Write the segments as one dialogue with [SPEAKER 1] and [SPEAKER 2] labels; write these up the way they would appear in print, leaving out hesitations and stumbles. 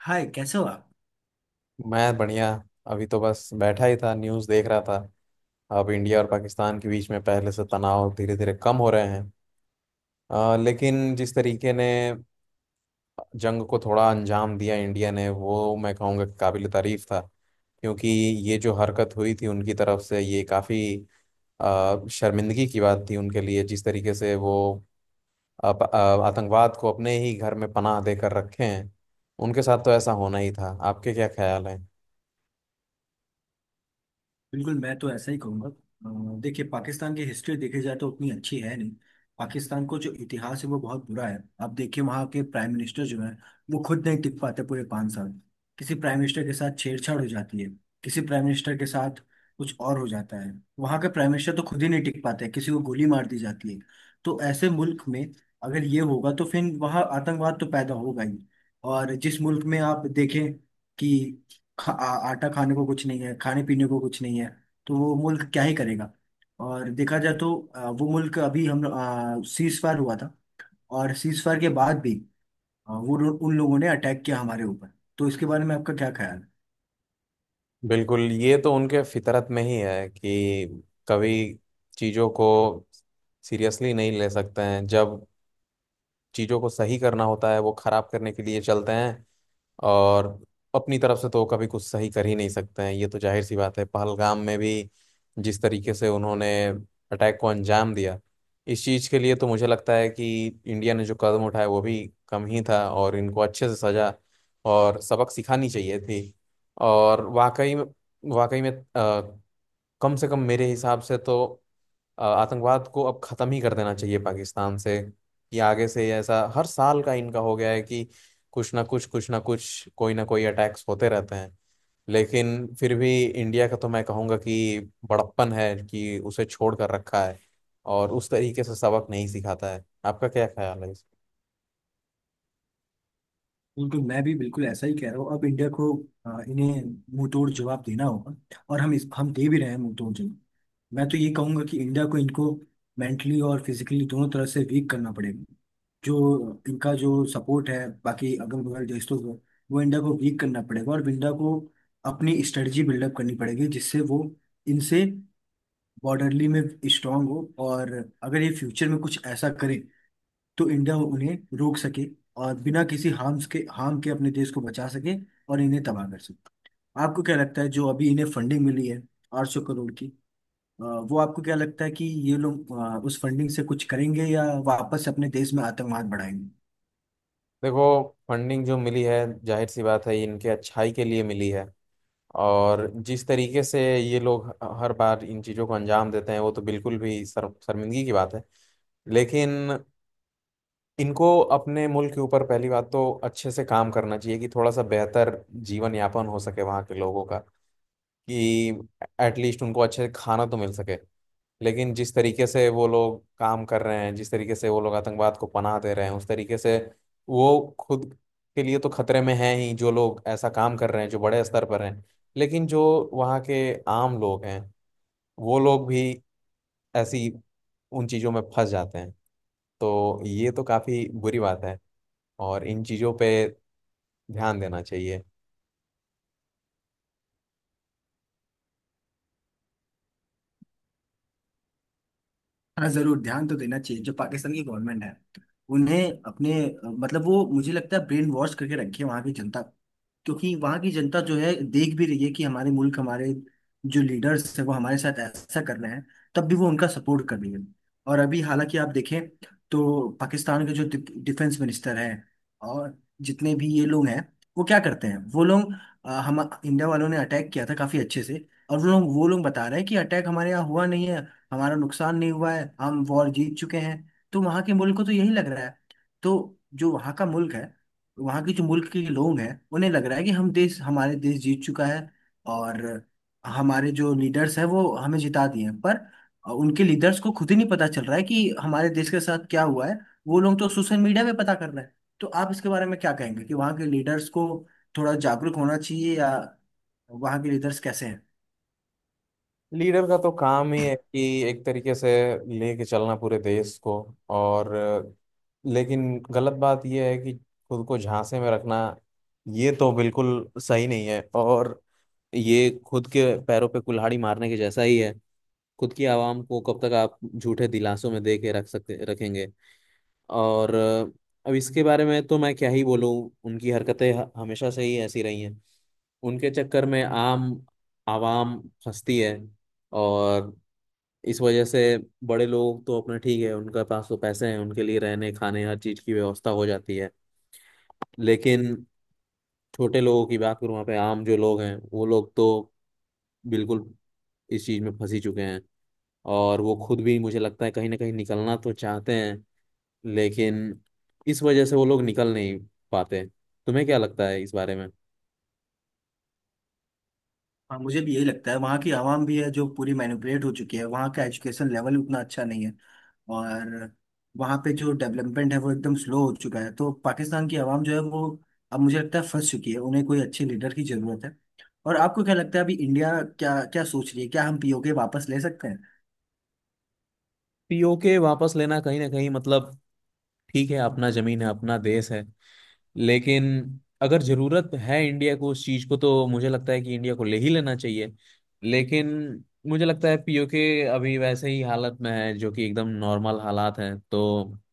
[SPEAKER 1] हाय, कैसे हो आप।
[SPEAKER 2] मैं बढ़िया। अभी तो बस बैठा ही था, न्यूज़ देख रहा था। अब इंडिया और पाकिस्तान के बीच में पहले से तनाव धीरे धीरे कम हो रहे हैं। लेकिन जिस तरीके ने जंग को थोड़ा अंजाम दिया इंडिया ने, वो मैं कहूँगा कि काबिल तारीफ था। क्योंकि ये जो हरकत हुई थी उनकी तरफ से, ये काफ़ी शर्मिंदगी की बात थी उनके लिए। जिस तरीके से वो अप- अ, आतंकवाद को अपने ही घर में पनाह देकर रखे हैं, उनके साथ तो ऐसा होना ही था। आपके क्या ख्याल है?
[SPEAKER 1] बिल्कुल, मैं तो ऐसा ही कहूँगा। देखिए, पाकिस्तान की हिस्ट्री देखी जाए तो उतनी अच्छी है नहीं। पाकिस्तान को जो इतिहास है वो बहुत बुरा है। आप देखिए वहाँ के प्राइम मिनिस्टर जो है वो खुद नहीं टिक पाते पूरे 5 साल। किसी प्राइम मिनिस्टर के साथ छेड़छाड़ हो जाती है, किसी प्राइम मिनिस्टर के साथ कुछ और हो जाता है। वहाँ के प्राइम मिनिस्टर तो खुद ही नहीं टिक पाते हैं, किसी को गोली मार दी जाती है। तो ऐसे मुल्क में अगर ये होगा तो फिर वहाँ आतंकवाद तो पैदा होगा ही। और जिस मुल्क में आप देखें कि आटा खाने को कुछ नहीं है, खाने पीने को कुछ नहीं है, तो वो मुल्क क्या ही करेगा। और देखा जाए तो वो मुल्क अभी, हम सीज फायर हुआ था, और सीज फायर के बाद भी उन लोगों ने अटैक किया हमारे ऊपर। तो इसके बारे में आपका क्या ख्याल है।
[SPEAKER 2] बिल्कुल, ये तो उनके फितरत में ही है कि कभी चीज़ों को सीरियसली नहीं ले सकते हैं। जब चीज़ों को सही करना होता है, वो खराब करने के लिए चलते हैं। और अपनी तरफ से तो कभी कुछ सही कर ही नहीं सकते हैं, ये तो जाहिर सी बात है। पहलगाम में भी जिस तरीके से उन्होंने अटैक को अंजाम दिया, इस चीज़ के लिए तो मुझे लगता है कि इंडिया ने जो कदम उठाया वो भी कम ही था, और इनको अच्छे से सजा और सबक सिखानी चाहिए थी। और वाकई में, वाकई में, अ, कम से कम मेरे हिसाब से तो आतंकवाद को अब खत्म ही कर देना चाहिए पाकिस्तान से। कि आगे से ऐसा हर साल का इनका हो गया है कि कुछ ना कुछ, कुछ ना कुछ, कोई ना कोई अटैक्स होते रहते हैं। लेकिन फिर भी इंडिया का तो मैं कहूँगा कि बड़प्पन है कि उसे छोड़ कर रखा है, और उस तरीके से सबक नहीं सिखाता है। आपका क्या ख्याल है इस?
[SPEAKER 1] बिल्कुल, मैं भी बिल्कुल ऐसा ही कह रहा हूँ। अब इंडिया को इन्हें मुंहतोड़ जवाब देना होगा, और हम दे भी रहे हैं मुंहतोड़ जवाब। मैं तो ये कहूंगा कि इंडिया को इनको मेंटली और फिजिकली दोनों तरह से वीक करना पड़ेगा। जो इनका जो सपोर्ट है बाकी अगल बगल देशों को, वो इंडिया को वीक करना पड़ेगा। और इंडिया को अपनी स्ट्रेटजी बिल्डअप करनी पड़ेगी, जिससे वो इनसे बॉर्डरली में स्ट्रांग हो, और अगर ये फ्यूचर में कुछ ऐसा करे तो इंडिया उन्हें रोक सके, और बिना किसी हार्म के अपने देश को बचा सके, और इन्हें तबाह कर सके। आपको क्या लगता है जो अभी इन्हें फंडिंग मिली है 800 करोड़ की, अ, वो आपको क्या लगता है कि ये लोग उस फंडिंग से कुछ करेंगे, या वापस अपने देश में आतंकवाद बढ़ाएंगे।
[SPEAKER 2] देखो, फंडिंग जो मिली है, जाहिर सी बात है ये इनके अच्छाई के लिए मिली है। और जिस तरीके से ये लोग हर बार इन चीज़ों को अंजाम देते हैं, वो तो बिल्कुल भी शर्म, शर्मिंदगी की बात है। लेकिन इनको अपने मुल्क के ऊपर पहली बात तो अच्छे से काम करना चाहिए, कि थोड़ा सा बेहतर जीवन यापन हो सके वहाँ के लोगों का। कि एटलीस्ट उनको अच्छे से खाना तो मिल सके। लेकिन जिस तरीके से वो लोग काम कर रहे हैं, जिस तरीके से वो लोग आतंकवाद को पनाह दे रहे हैं, उस तरीके से वो खुद के लिए तो खतरे में हैं ही, जो लोग ऐसा काम कर रहे हैं जो बड़े स्तर पर हैं। लेकिन जो वहाँ के आम लोग हैं, वो लोग भी ऐसी उन चीज़ों में फंस जाते हैं। तो ये तो काफ़ी बुरी बात है, और इन चीज़ों पे ध्यान देना चाहिए।
[SPEAKER 1] हाँ, जरूर ध्यान तो देना चाहिए। जो पाकिस्तान की गवर्नमेंट है उन्हें अपने, मतलब वो मुझे लगता है ब्रेन वॉश करके रखी है वहाँ की जनता। क्योंकि वहां की जनता जो है देख भी रही है कि हमारे मुल्क, हमारे जो लीडर्स है वो हमारे साथ ऐसा कर रहे हैं, तब भी वो उनका सपोर्ट कर रही है। और अभी हालांकि आप देखें तो पाकिस्तान के जो डिफेंस मिनिस्टर हैं और जितने भी ये लोग हैं वो क्या करते हैं, वो लोग, हम इंडिया वालों ने अटैक किया था काफी अच्छे से, और वो लोग बता रहे हैं कि अटैक हमारे यहाँ हुआ नहीं है, हमारा नुकसान नहीं हुआ है, हम वॉर जीत चुके हैं। तो वहां के मुल्क को तो यही लग रहा है। तो जो वहां का मुल्क है, वहाँ के जो मुल्क के लोग हैं उन्हें लग रहा है कि हम देश हमारे देश जीत चुका है, और हमारे जो लीडर्स हैं वो हमें जिता दिए हैं। पर उनके लीडर्स को खुद ही नहीं पता चल रहा है कि हमारे देश के साथ क्या हुआ है, वो लोग तो सोशल मीडिया पे पता कर रहे हैं। तो आप इसके बारे में क्या कहेंगे कि वहाँ के लीडर्स को थोड़ा जागरूक होना चाहिए, या वहाँ के लीडर्स कैसे।
[SPEAKER 2] लीडर का तो काम ही है कि एक तरीके से लेके चलना पूरे देश को। और लेकिन गलत बात यह है कि खुद को झांसे में रखना, ये तो बिल्कुल सही नहीं है, और ये खुद के पैरों पे कुल्हाड़ी मारने के जैसा ही है। खुद की आवाम को कब तक आप झूठे दिलासों में दे के रख सकते रखेंगे? और अब इसके बारे में तो मैं क्या ही बोलूं। उनकी हरकतें हमेशा से ही ऐसी रही हैं। उनके चक्कर में आम आवाम फंसती है, और इस वजह से बड़े लोग तो अपना ठीक है, उनके पास तो पैसे हैं, उनके लिए रहने खाने हर चीज की व्यवस्था हो जाती है। लेकिन छोटे लोगों की बात करूँ, वहाँ पे आम जो लोग हैं, वो लोग तो बिल्कुल इस चीज में फंसी चुके हैं। और वो खुद भी मुझे लगता है कहीं ना कहीं निकलना तो चाहते हैं, लेकिन इस वजह से वो लोग निकल नहीं पाते। तुम्हें क्या लगता है इस बारे में?
[SPEAKER 1] हाँ, मुझे भी यही लगता है, वहाँ की आवाम भी है जो पूरी मैनिपुलेट हो चुकी है। वहाँ का एजुकेशन लेवल उतना अच्छा नहीं है, और वहाँ पे जो डेवलपमेंट है वो एकदम स्लो हो चुका है। तो पाकिस्तान की आवाम जो है वो अब मुझे लगता है फंस चुकी है, उन्हें कोई अच्छे लीडर की जरूरत है। और आपको क्या लगता है अभी इंडिया क्या क्या सोच रही है, क्या हम पीओके वापस ले सकते हैं।
[SPEAKER 2] पीओके वापस लेना कहीं ना कहीं, मतलब, ठीक है, अपना जमीन है, अपना देश है। लेकिन अगर जरूरत है इंडिया को उस चीज को, तो मुझे लगता है कि इंडिया को ले ही लेना चाहिए। लेकिन मुझे लगता है पीओके अभी वैसे ही हालत में है जो कि एकदम नॉर्मल हालात हैं। तो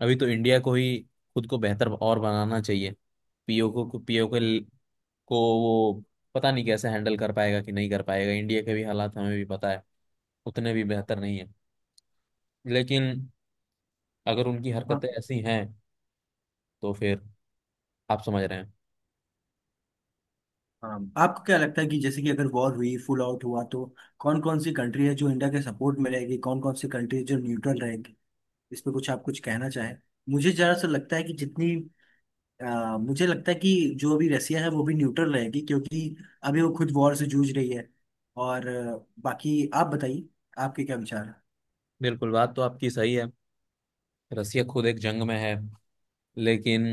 [SPEAKER 2] अभी तो इंडिया को ही खुद को बेहतर और बनाना चाहिए। पीओके को, पीओके को वो पता नहीं कैसे हैंडल कर पाएगा कि नहीं कर पाएगा। इंडिया के भी हालात हमें भी पता है, उतने भी बेहतर नहीं है। लेकिन अगर उनकी
[SPEAKER 1] हाँ।
[SPEAKER 2] हरकतें ऐसी हैं, तो फिर आप समझ रहे हैं।
[SPEAKER 1] हाँ। आपको क्या लगता है कि जैसे कि अगर वॉर हुई, फुल आउट हुआ, तो कौन कौन सी कंट्री है जो इंडिया के सपोर्ट में रहेगी, कौन कौन सी कंट्री जो न्यूट्रल रहेगी। इस पे कुछ आप कुछ कहना चाहें। मुझे जरा सा लगता है कि जितनी, मुझे लगता है कि जो अभी रसिया है वो भी न्यूट्रल रहेगी, क्योंकि अभी वो खुद वॉर से जूझ रही है। और बाकी आप बताइए, आपके क्या विचार हैं।
[SPEAKER 2] बिल्कुल, बात तो आपकी सही है। रसिया खुद एक जंग में है, लेकिन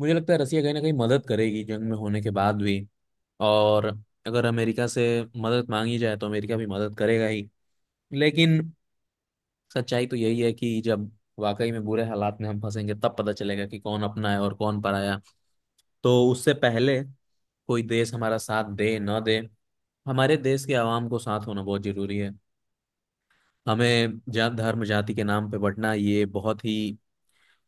[SPEAKER 2] मुझे लगता है रसिया कहीं ना कहीं मदद करेगी जंग में होने के बाद भी। और अगर अमेरिका से मदद मांगी जाए तो अमेरिका भी मदद करेगा ही। लेकिन सच्चाई तो यही है कि जब वाकई में बुरे हालात में हम फंसेंगे, तब पता चलेगा कि कौन अपना है और कौन पराया। तो उससे पहले कोई देश हमारा साथ दे न दे, हमारे देश के आवाम को साथ होना बहुत जरूरी है। हमें जात धर्म जाति के नाम पे बंटना, ये बहुत ही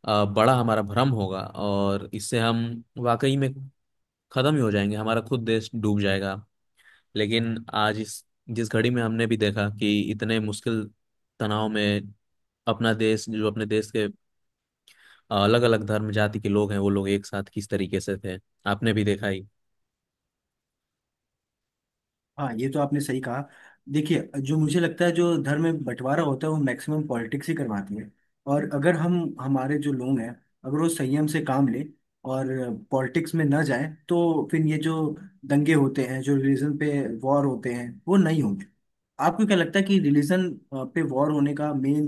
[SPEAKER 2] बड़ा हमारा भ्रम होगा, और इससे हम वाकई में खत्म ही हो जाएंगे, हमारा खुद देश डूब जाएगा। लेकिन आज इस जिस घड़ी में हमने भी देखा कि इतने मुश्किल तनाव में अपना देश, जो अपने देश के अलग अलग धर्म जाति के लोग हैं, वो लोग एक साथ किस तरीके से थे, आपने भी देखा ही।
[SPEAKER 1] हाँ, ये तो आपने सही कहा। देखिए, जो मुझे लगता है, जो धर्म में बंटवारा होता है वो मैक्सिमम पॉलिटिक्स ही करवाती है। और अगर हम, हमारे जो लोग हैं, अगर वो संयम से काम लें और पॉलिटिक्स में ना जाए, तो फिर ये जो दंगे होते हैं, जो रिलीजन पे वॉर होते हैं, वो नहीं होंगे। आपको क्या लगता है कि रिलीजन पे वॉर होने का मेन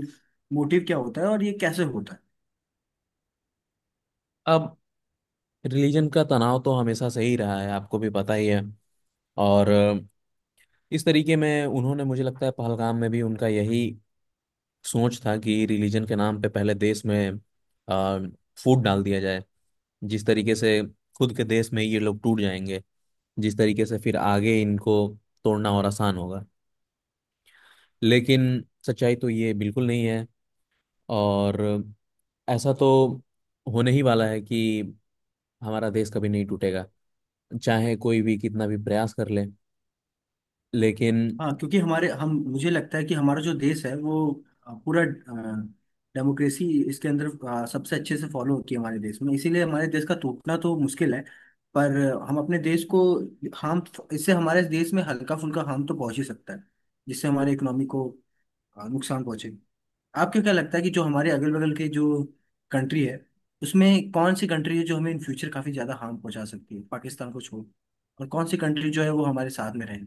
[SPEAKER 1] मोटिव क्या होता है, और ये कैसे होता है।
[SPEAKER 2] अब रिलीजन का तनाव तो हमेशा से ही रहा है, आपको भी पता ही है। और इस तरीके में उन्होंने, मुझे लगता है पहलगाम में भी उनका यही सोच था कि रिलीजन के नाम पे पहले देश में फूट डाल दिया जाए। जिस तरीके से खुद के देश में ये लोग टूट जाएंगे, जिस तरीके से फिर आगे इनको तोड़ना और आसान होगा। लेकिन सच्चाई तो ये बिल्कुल नहीं है। और ऐसा तो होने ही वाला है कि हमारा देश कभी नहीं टूटेगा, चाहे कोई भी कितना भी प्रयास कर ले। लेकिन
[SPEAKER 1] हाँ, क्योंकि हमारे हम मुझे लगता है कि हमारा जो देश है वो, पूरा डेमोक्रेसी इसके अंदर सबसे अच्छे से फॉलो होती है हमारे देश में, इसीलिए हमारे देश का टूटना तो मुश्किल है। पर हम अपने देश को हार्म, इससे हमारे देश में हल्का फुल्का हार्म तो पहुंच ही सकता है, जिससे हमारे इकोनॉमी को नुकसान पहुंचे। आपको क्या लगता है कि जो हमारे अगल बगल के जो कंट्री है, उसमें कौन सी कंट्री है जो हमें इन फ्यूचर काफी ज्यादा हार्म पहुंचा सकती है, पाकिस्तान को छोड़, और कौन सी कंट्री जो है वो हमारे साथ में रहे।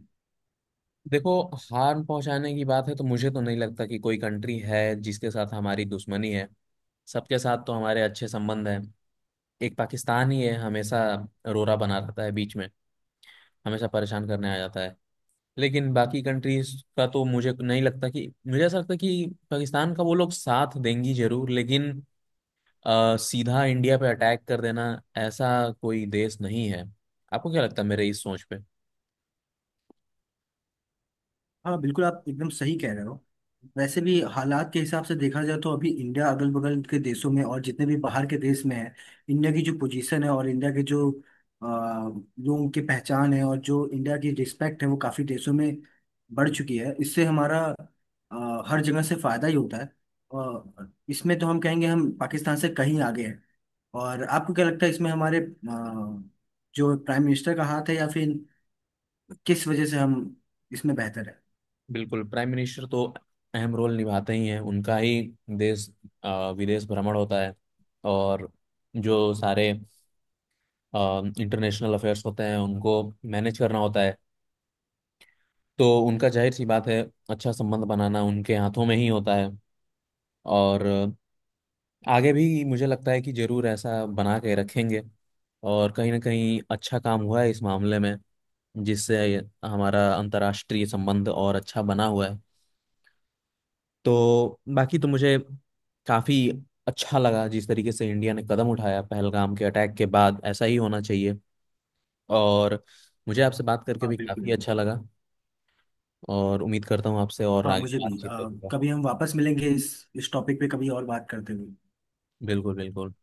[SPEAKER 2] देखो, हार्म पहुंचाने की बात है तो मुझे तो नहीं लगता कि कोई कंट्री है जिसके साथ हमारी दुश्मनी है। सबके साथ तो हमारे अच्छे संबंध हैं। एक पाकिस्तान ही है हमेशा रोरा बना रहता है बीच में, हमेशा परेशान करने आ जाता है। लेकिन बाकी कंट्रीज का तो मुझे नहीं लगता कि, मुझे ऐसा लगता है कि पाकिस्तान का वो लोग साथ देंगी जरूर, लेकिन सीधा इंडिया पे अटैक कर देना, ऐसा कोई देश नहीं है। आपको क्या लगता है मेरे इस सोच पे?
[SPEAKER 1] हाँ बिल्कुल, आप एकदम सही कह रहे हो। वैसे भी हालात के हिसाब से देखा जाए तो अभी इंडिया, अगल बगल के देशों में और जितने भी बाहर के देश में है, इंडिया की जो पोजीशन है, और इंडिया के जो लोगों की पहचान है, और जो इंडिया की रिस्पेक्ट है वो काफ़ी देशों में बढ़ चुकी है। इससे हमारा हर जगह से फायदा ही होता है। और इसमें तो हम कहेंगे हम पाकिस्तान से कहीं आगे हैं। और आपको क्या लगता है इसमें हमारे जो प्राइम मिनिस्टर का हाथ है, या फिर किस वजह से हम इसमें बेहतर है।
[SPEAKER 2] बिल्कुल, प्राइम मिनिस्टर तो अहम रोल निभाते ही हैं। उनका ही देश, विदेश भ्रमण होता है, और जो सारे इंटरनेशनल अफेयर्स होते हैं उनको मैनेज करना होता है। तो उनका, जाहिर सी बात है, अच्छा संबंध बनाना उनके हाथों में ही होता है। और आगे भी मुझे लगता है कि जरूर ऐसा बना के रखेंगे। और कहीं ना कहीं अच्छा काम हुआ है इस मामले में, जिससे हमारा अंतर्राष्ट्रीय संबंध और अच्छा बना हुआ है। तो बाकी तो मुझे काफ़ी अच्छा लगा जिस तरीके से इंडिया ने कदम उठाया पहलगाम के अटैक के बाद, ऐसा ही होना चाहिए। और मुझे आपसे बात करके
[SPEAKER 1] हाँ
[SPEAKER 2] भी काफ़ी
[SPEAKER 1] बिल्कुल।
[SPEAKER 2] अच्छा लगा। और उम्मीद करता हूँ आपसे और
[SPEAKER 1] हाँ,
[SPEAKER 2] आगे
[SPEAKER 1] मुझे भी,
[SPEAKER 2] बातचीत करूंगा।
[SPEAKER 1] कभी हम वापस मिलेंगे इस टॉपिक पे कभी और बात करते हुए।
[SPEAKER 2] बिल्कुल, बिल्कुल।